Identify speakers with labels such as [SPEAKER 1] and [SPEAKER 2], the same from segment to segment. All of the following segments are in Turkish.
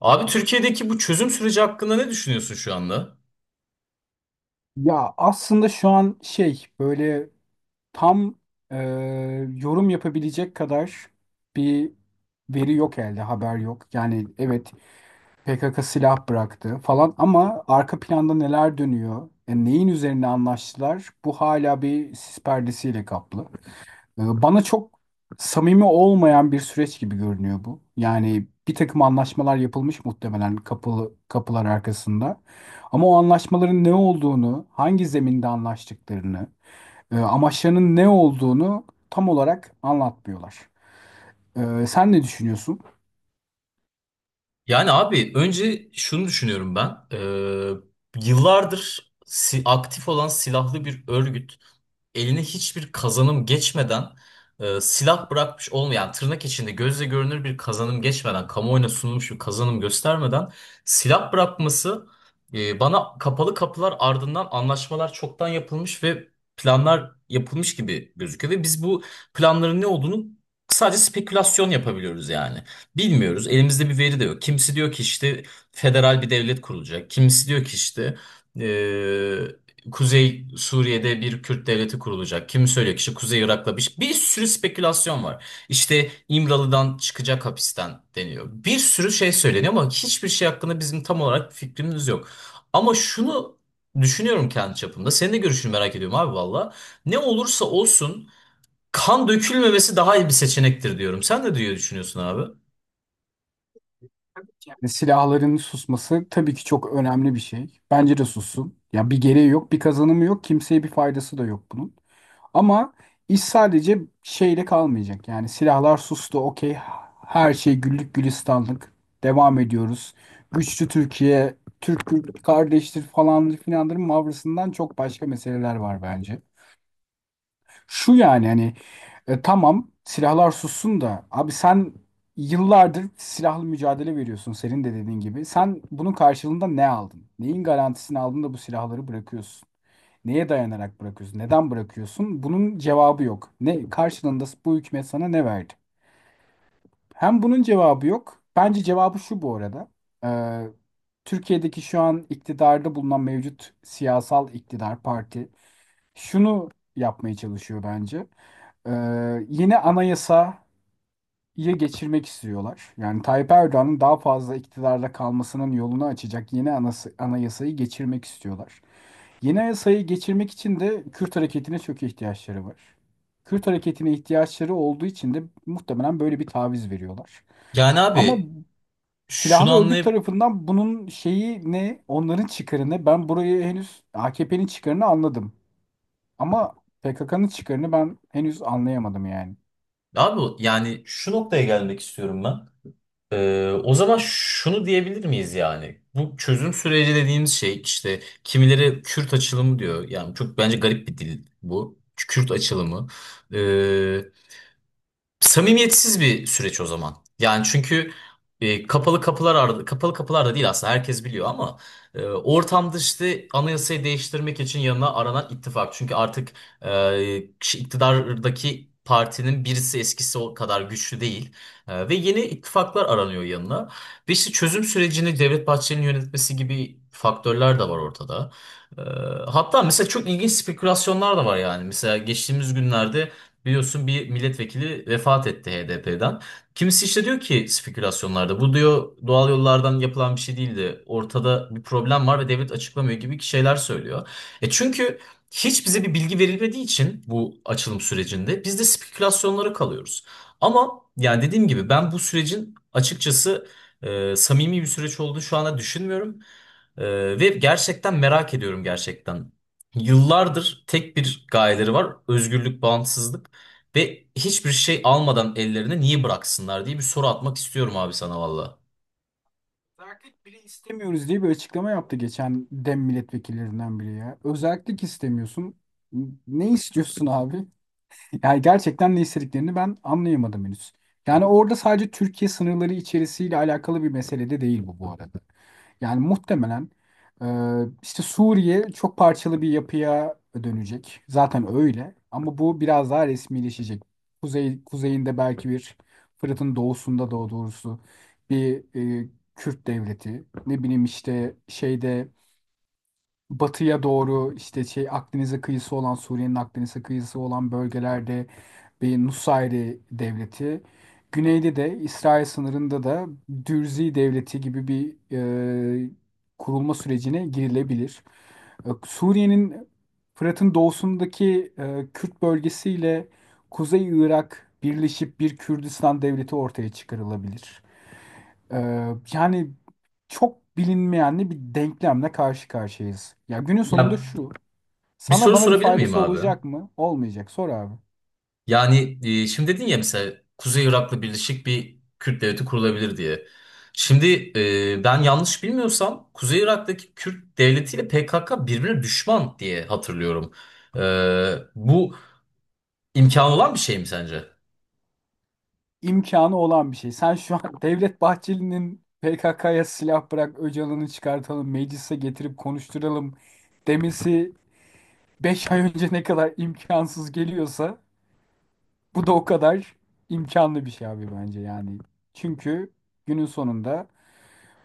[SPEAKER 1] Abi Türkiye'deki bu çözüm süreci hakkında ne düşünüyorsun şu anda?
[SPEAKER 2] Ya aslında şu an şey böyle tam e, yorum yapabilecek kadar bir veri yok elde, haber yok. Yani evet PKK silah bıraktı falan ama arka planda neler dönüyor, neyin üzerine anlaştılar bu hala bir sis perdesiyle kaplı. Bana çok samimi olmayan bir süreç gibi görünüyor bu. Yani bir takım anlaşmalar yapılmış muhtemelen kapılar arkasında. Ama o anlaşmaların ne olduğunu, hangi zeminde anlaştıklarını, amaçlarının ne olduğunu tam olarak anlatmıyorlar. Sen ne düşünüyorsun?
[SPEAKER 1] Yani abi önce şunu düşünüyorum ben. Yıllardır aktif olan silahlı bir örgüt eline hiçbir kazanım geçmeden silah bırakmış olmayan, yani tırnak içinde gözle görünür bir kazanım geçmeden, kamuoyuna sunulmuş bir kazanım göstermeden silah bırakması bana kapalı kapılar ardından anlaşmalar çoktan yapılmış ve planlar yapılmış gibi gözüküyor ve biz bu planların ne olduğunu sadece spekülasyon yapabiliyoruz yani. Bilmiyoruz. Elimizde bir veri de yok. Kimisi diyor ki işte federal bir devlet kurulacak. Kimisi diyor ki işte Kuzey Suriye'de bir Kürt devleti kurulacak. Kimi söylüyor ki işte Kuzey Irak'la bir, bir sürü spekülasyon var. İşte İmralı'dan çıkacak hapisten deniyor. Bir sürü şey söyleniyor ama hiçbir şey hakkında bizim tam olarak bir fikrimiz yok. Ama şunu düşünüyorum kendi çapımda. Senin de görüşünü merak ediyorum abi valla. Ne olursa olsun kan dökülmemesi daha iyi bir seçenektir diyorum. Sen de diye düşünüyorsun abi.
[SPEAKER 2] Yani silahların susması tabii ki çok önemli bir şey. Bence de sussun. Ya bir gereği yok, bir kazanımı yok, kimseye bir faydası da yok bunun. Ama iş sadece şeyle kalmayacak. Yani silahlar sustu, okey. Her şey güllük gülistanlık. Devam ediyoruz. Güçlü Türkiye, Türk kardeştir falan filanların mavrasından çok başka meseleler var bence. Şu yani hani tamam silahlar sussun da abi sen yıllardır silahlı mücadele veriyorsun senin de dediğin gibi. Sen bunun karşılığında ne aldın? Neyin garantisini aldın da bu silahları bırakıyorsun? Neye dayanarak bırakıyorsun? Neden bırakıyorsun? Bunun cevabı yok. Ne karşılığında bu hükümet sana ne verdi? Hem bunun cevabı yok. Bence cevabı şu bu arada. Ee, Türkiye'deki şu an iktidarda bulunan mevcut siyasal iktidar parti şunu yapmaya çalışıyor bence. Ee, Yine anayasayı geçirmek istiyorlar. Yani Tayyip Erdoğan'ın daha fazla iktidarda kalmasının yolunu açacak yeni anayasayı geçirmek istiyorlar. Yeni anayasayı geçirmek için de Kürt hareketine çok ihtiyaçları var. Kürt hareketine ihtiyaçları olduğu için de muhtemelen böyle bir taviz veriyorlar.
[SPEAKER 1] Yani
[SPEAKER 2] Ama
[SPEAKER 1] abi şunu
[SPEAKER 2] silahlı örgüt
[SPEAKER 1] anlayıp
[SPEAKER 2] tarafından bunun şeyi ne, onların çıkarı ne? Ben burayı henüz AKP'nin çıkarını anladım. Ama PKK'nın çıkarını ben henüz anlayamadım yani.
[SPEAKER 1] Abi yani şu noktaya gelmek istiyorum ben. O zaman şunu diyebilir miyiz yani? Bu çözüm süreci dediğimiz şey, işte kimileri Kürt açılımı diyor. Yani çok bence garip bir dil bu. Kürt açılımı. Ee, Samimiyetsiz bir süreç o zaman. Yani çünkü kapalı kapılar da değil aslında, herkes biliyor ama ortamda işte anayasayı değiştirmek için yanına aranan ittifak. Çünkü artık iktidardaki partinin birisi eskisi o kadar güçlü değil. Ve yeni ittifaklar aranıyor yanına. Ve işte çözüm sürecini Devlet Bahçeli'nin yönetmesi gibi faktörler de var ortada. E, Hatta mesela çok ilginç spekülasyonlar da var yani. Mesela geçtiğimiz günlerde biliyorsun bir milletvekili vefat etti HDP'den. Kimisi işte diyor ki spekülasyonlarda, bu diyor doğal yollardan yapılan bir şey değildi. Ortada bir problem var ve devlet açıklamıyor gibi şeyler söylüyor. Çünkü hiç bize bir bilgi verilmediği için bu açılım sürecinde biz de spekülasyonlara kalıyoruz. Ama yani dediğim gibi, ben bu sürecin açıkçası samimi bir süreç olduğunu şu anda düşünmüyorum. Ve gerçekten merak ediyorum, gerçekten. Yıllardır tek bir gayeleri var. Özgürlük, bağımsızlık. Ve hiçbir şey almadan ellerine niye bıraksınlar diye bir soru atmak istiyorum abi sana valla.
[SPEAKER 2] İstemiyoruz diye bir açıklama yaptı geçen DEM milletvekillerinden biri ya. Özellik istemiyorsun. Ne istiyorsun abi? Yani gerçekten ne istediklerini ben anlayamadım henüz. Yani orada sadece Türkiye sınırları içerisiyle alakalı bir mesele de değil bu bu arada. Yani muhtemelen e, işte Suriye çok parçalı bir yapıya dönecek. Zaten öyle ama bu biraz daha resmileşecek. Kuzeyinde belki bir Fırat'ın doğusunda da doğrusu bir e, Kürt devleti. Ne bileyim işte şeyde batıya doğru işte şey Akdeniz'e kıyısı olan Suriye'nin Akdeniz'e kıyısı olan bölgelerde bir Nusayri devleti. Güneyde de İsrail sınırında da Dürzi devleti gibi bir e, kurulma sürecine girilebilir. Suriye'nin Fırat'ın doğusundaki Kürt bölgesiyle Kuzey Irak birleşip bir Kürdistan devleti ortaya çıkarılabilir. Ee, Yani çok bilinmeyenli bir denklemle karşı karşıyayız. Ya günün sonunda
[SPEAKER 1] Ya
[SPEAKER 2] şu.
[SPEAKER 1] bir
[SPEAKER 2] Sana
[SPEAKER 1] soru
[SPEAKER 2] bana bir
[SPEAKER 1] sorabilir miyim
[SPEAKER 2] faydası
[SPEAKER 1] abi?
[SPEAKER 2] olacak mı? Olmayacak. Sor abi.
[SPEAKER 1] Yani şimdi dedin ya, mesela Kuzey Irak'la birleşik bir Kürt devleti kurulabilir diye. Şimdi ben yanlış bilmiyorsam Kuzey Irak'taki Kürt devletiyle PKK birbirine düşman diye hatırlıyorum. E, Bu imkan olan bir şey mi sence?
[SPEAKER 2] İmkanı olan bir şey. Sen şu an Devlet Bahçeli'nin PKK'ya silah bırak, Öcalan'ı çıkartalım, meclise getirip konuşturalım demesi 5 ay önce ne kadar imkansız geliyorsa bu da o kadar imkanlı bir şey abi bence yani. Çünkü günün sonunda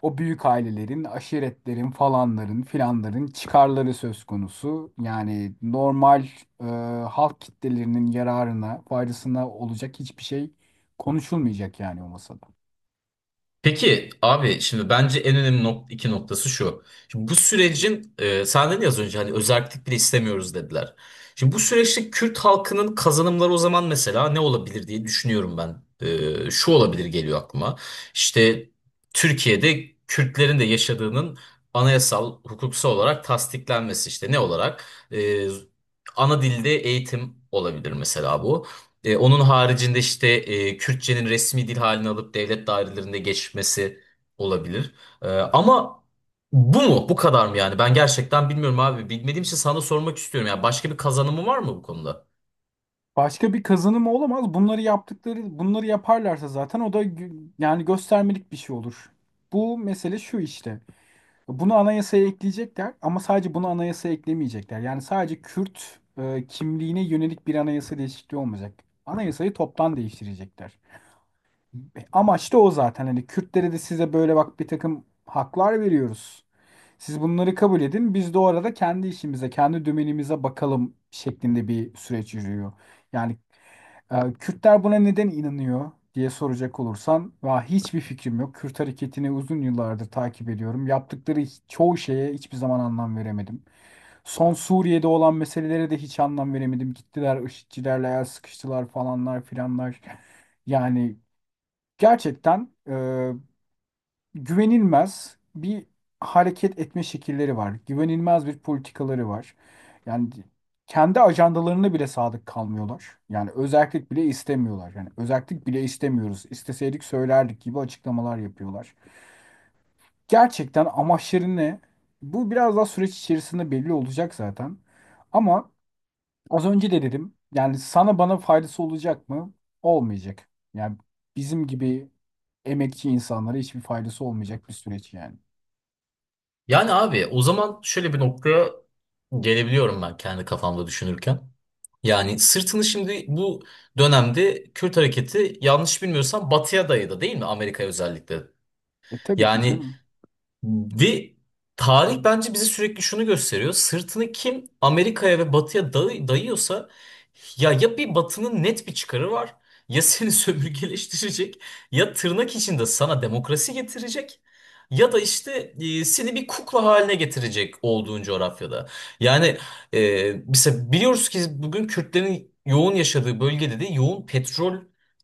[SPEAKER 2] o büyük ailelerin, aşiretlerin falanların filanların çıkarları söz konusu. Yani normal e, halk kitlelerinin yararına, faydasına olacak hiçbir şey konuşulmayacak yani o masada.
[SPEAKER 1] Peki abi şimdi bence en önemli iki noktası şu. Şimdi bu sürecin sen dedin ya az önce, hani özerklik bile istemiyoruz dediler. Şimdi bu süreçte Kürt halkının kazanımları o zaman mesela ne olabilir diye düşünüyorum ben. Şu olabilir geliyor aklıma. İşte Türkiye'de Kürtlerin de yaşadığının anayasal hukuksal olarak tasdiklenmesi, işte ne olarak? E, Ana dilde eğitim olabilir mesela bu. Onun haricinde işte Kürtçenin resmi dil halini alıp devlet dairelerinde geçmesi olabilir. Ama bu mu? Bu kadar mı yani? Ben gerçekten bilmiyorum abi. Bilmediğim için sana sormak istiyorum. Yani başka bir kazanımı var mı bu konuda?
[SPEAKER 2] Başka bir kazanımı olamaz. Bunları yaptıkları, bunları yaparlarsa zaten o da yani göstermelik bir şey olur. Bu mesele şu işte. Bunu anayasaya ekleyecekler ama sadece bunu anayasaya eklemeyecekler. Yani sadece Kürt kimliğine yönelik bir anayasa değişikliği olmayacak. Anayasayı toptan değiştirecekler. Amaç da o zaten. Hani Kürtlere de size böyle bak bir takım haklar veriyoruz. Siz bunları kabul edin. Biz de o arada kendi işimize, kendi dümenimize bakalım şeklinde bir süreç yürüyor. Yani Kürtler buna neden inanıyor diye soracak olursan, va hiçbir fikrim yok. Kürt hareketini uzun yıllardır takip ediyorum. Yaptıkları çoğu şeye hiçbir zaman anlam veremedim. Son Suriye'de olan meselelere de hiç anlam veremedim. Gittiler IŞİD'cilerle el sıkıştılar falanlar filanlar. Yani gerçekten güvenilmez bir hareket etme şekilleri var. Güvenilmez bir politikaları var. Yani kendi ajandalarına bile sadık kalmıyorlar. Yani özellik bile istemiyorlar. Yani özellik bile istemiyoruz. İsteseydik söylerdik gibi açıklamalar yapıyorlar. Gerçekten amaçları ne? Bu biraz daha süreç içerisinde belli olacak zaten. Ama az önce de dedim. Yani sana bana faydası olacak mı? Olmayacak. Yani bizim gibi emekçi insanlara hiçbir faydası olmayacak bir süreç yani.
[SPEAKER 1] Yani abi o zaman şöyle bir noktaya gelebiliyorum ben kendi kafamda düşünürken. Yani sırtını şimdi bu dönemde Kürt hareketi yanlış bilmiyorsam batıya dayadı, değil mi? Amerika'ya özellikle.
[SPEAKER 2] Tabii ki
[SPEAKER 1] Yani
[SPEAKER 2] canım.
[SPEAKER 1] Ve tarih bence bize sürekli şunu gösteriyor. Sırtını kim Amerika'ya ve Batı'ya dayıyorsa, ya ya bir Batı'nın net bir çıkarı var, ya seni sömürgeleştirecek, ya tırnak içinde sana demokrasi getirecek, ya da işte seni bir kukla haline getirecek olduğun coğrafyada. Yani mesela biliyoruz ki bugün Kürtlerin yoğun yaşadığı bölgede de yoğun petrol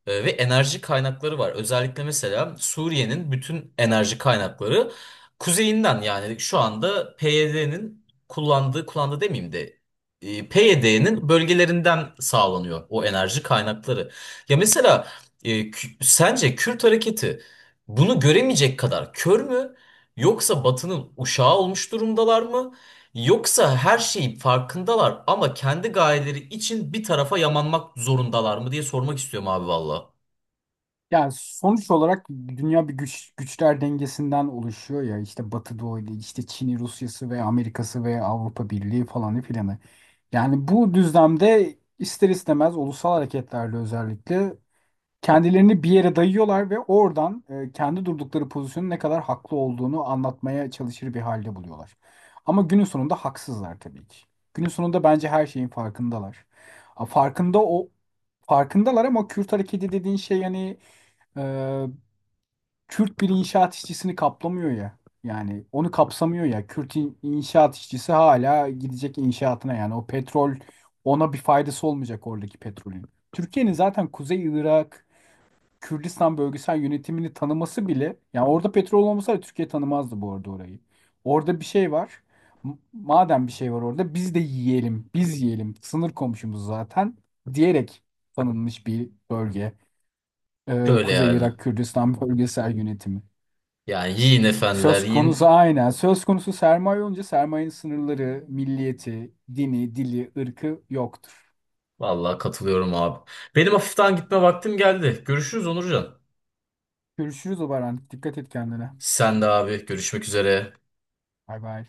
[SPEAKER 1] ve enerji kaynakları var. Özellikle mesela Suriye'nin bütün enerji kaynakları kuzeyinden, yani şu anda kullandığı demeyeyim de PYD'nin bölgelerinden sağlanıyor o enerji kaynakları. Ya mesela sence Kürt hareketi bunu göremeyecek kadar kör mü? Yoksa Batı'nın uşağı olmuş durumdalar mı? Yoksa her şeyin farkındalar ama kendi gayeleri için bir tarafa yamanmak zorundalar mı diye sormak istiyorum abi valla.
[SPEAKER 2] Yani sonuç olarak dünya bir güçler dengesinden oluşuyor ya işte Batı Doğu'yla işte Çin'i, Rusya'sı ve Amerika'sı ve Avrupa Birliği falanı filanı. Yani bu düzlemde ister istemez ulusal hareketlerle özellikle kendilerini bir yere dayıyorlar ve oradan kendi durdukları pozisyonun ne kadar haklı olduğunu anlatmaya çalışır bir halde buluyorlar. Ama günün sonunda haksızlar tabii ki. Günün sonunda bence her şeyin farkındalar. A, Farkında o Farkındalar ama Kürt hareketi dediğin şey yani e, Kürt bir inşaat işçisini kaplamıyor ya. Yani onu kapsamıyor ya. Kürt inşaat işçisi hala gidecek inşaatına yani o petrol ona bir faydası olmayacak oradaki petrolün. Türkiye'nin zaten Kuzey Irak Kürdistan bölgesel yönetimini tanıması bile yani orada petrol olmasa Türkiye tanımazdı bu arada orayı. Orada bir şey var. Madem bir şey var orada biz de yiyelim. Biz yiyelim. Sınır komşumuz zaten diyerek tanınmış bir bölge.
[SPEAKER 1] Şöyle
[SPEAKER 2] Kuzey
[SPEAKER 1] yani.
[SPEAKER 2] Irak Kürdistan bölgesel yönetimi.
[SPEAKER 1] Yani yiyin efendiler
[SPEAKER 2] Söz konusu
[SPEAKER 1] yiyin.
[SPEAKER 2] aynen. Söz konusu sermaye olunca sermayenin sınırları, milliyeti, dini, dili, ırkı yoktur.
[SPEAKER 1] Vallahi katılıyorum abi. Benim hafiften gitme vaktim geldi. Görüşürüz Onurcan.
[SPEAKER 2] Görüşürüz o Baran. Dikkat et kendine.
[SPEAKER 1] Sen de abi, görüşmek üzere.
[SPEAKER 2] Bay bay.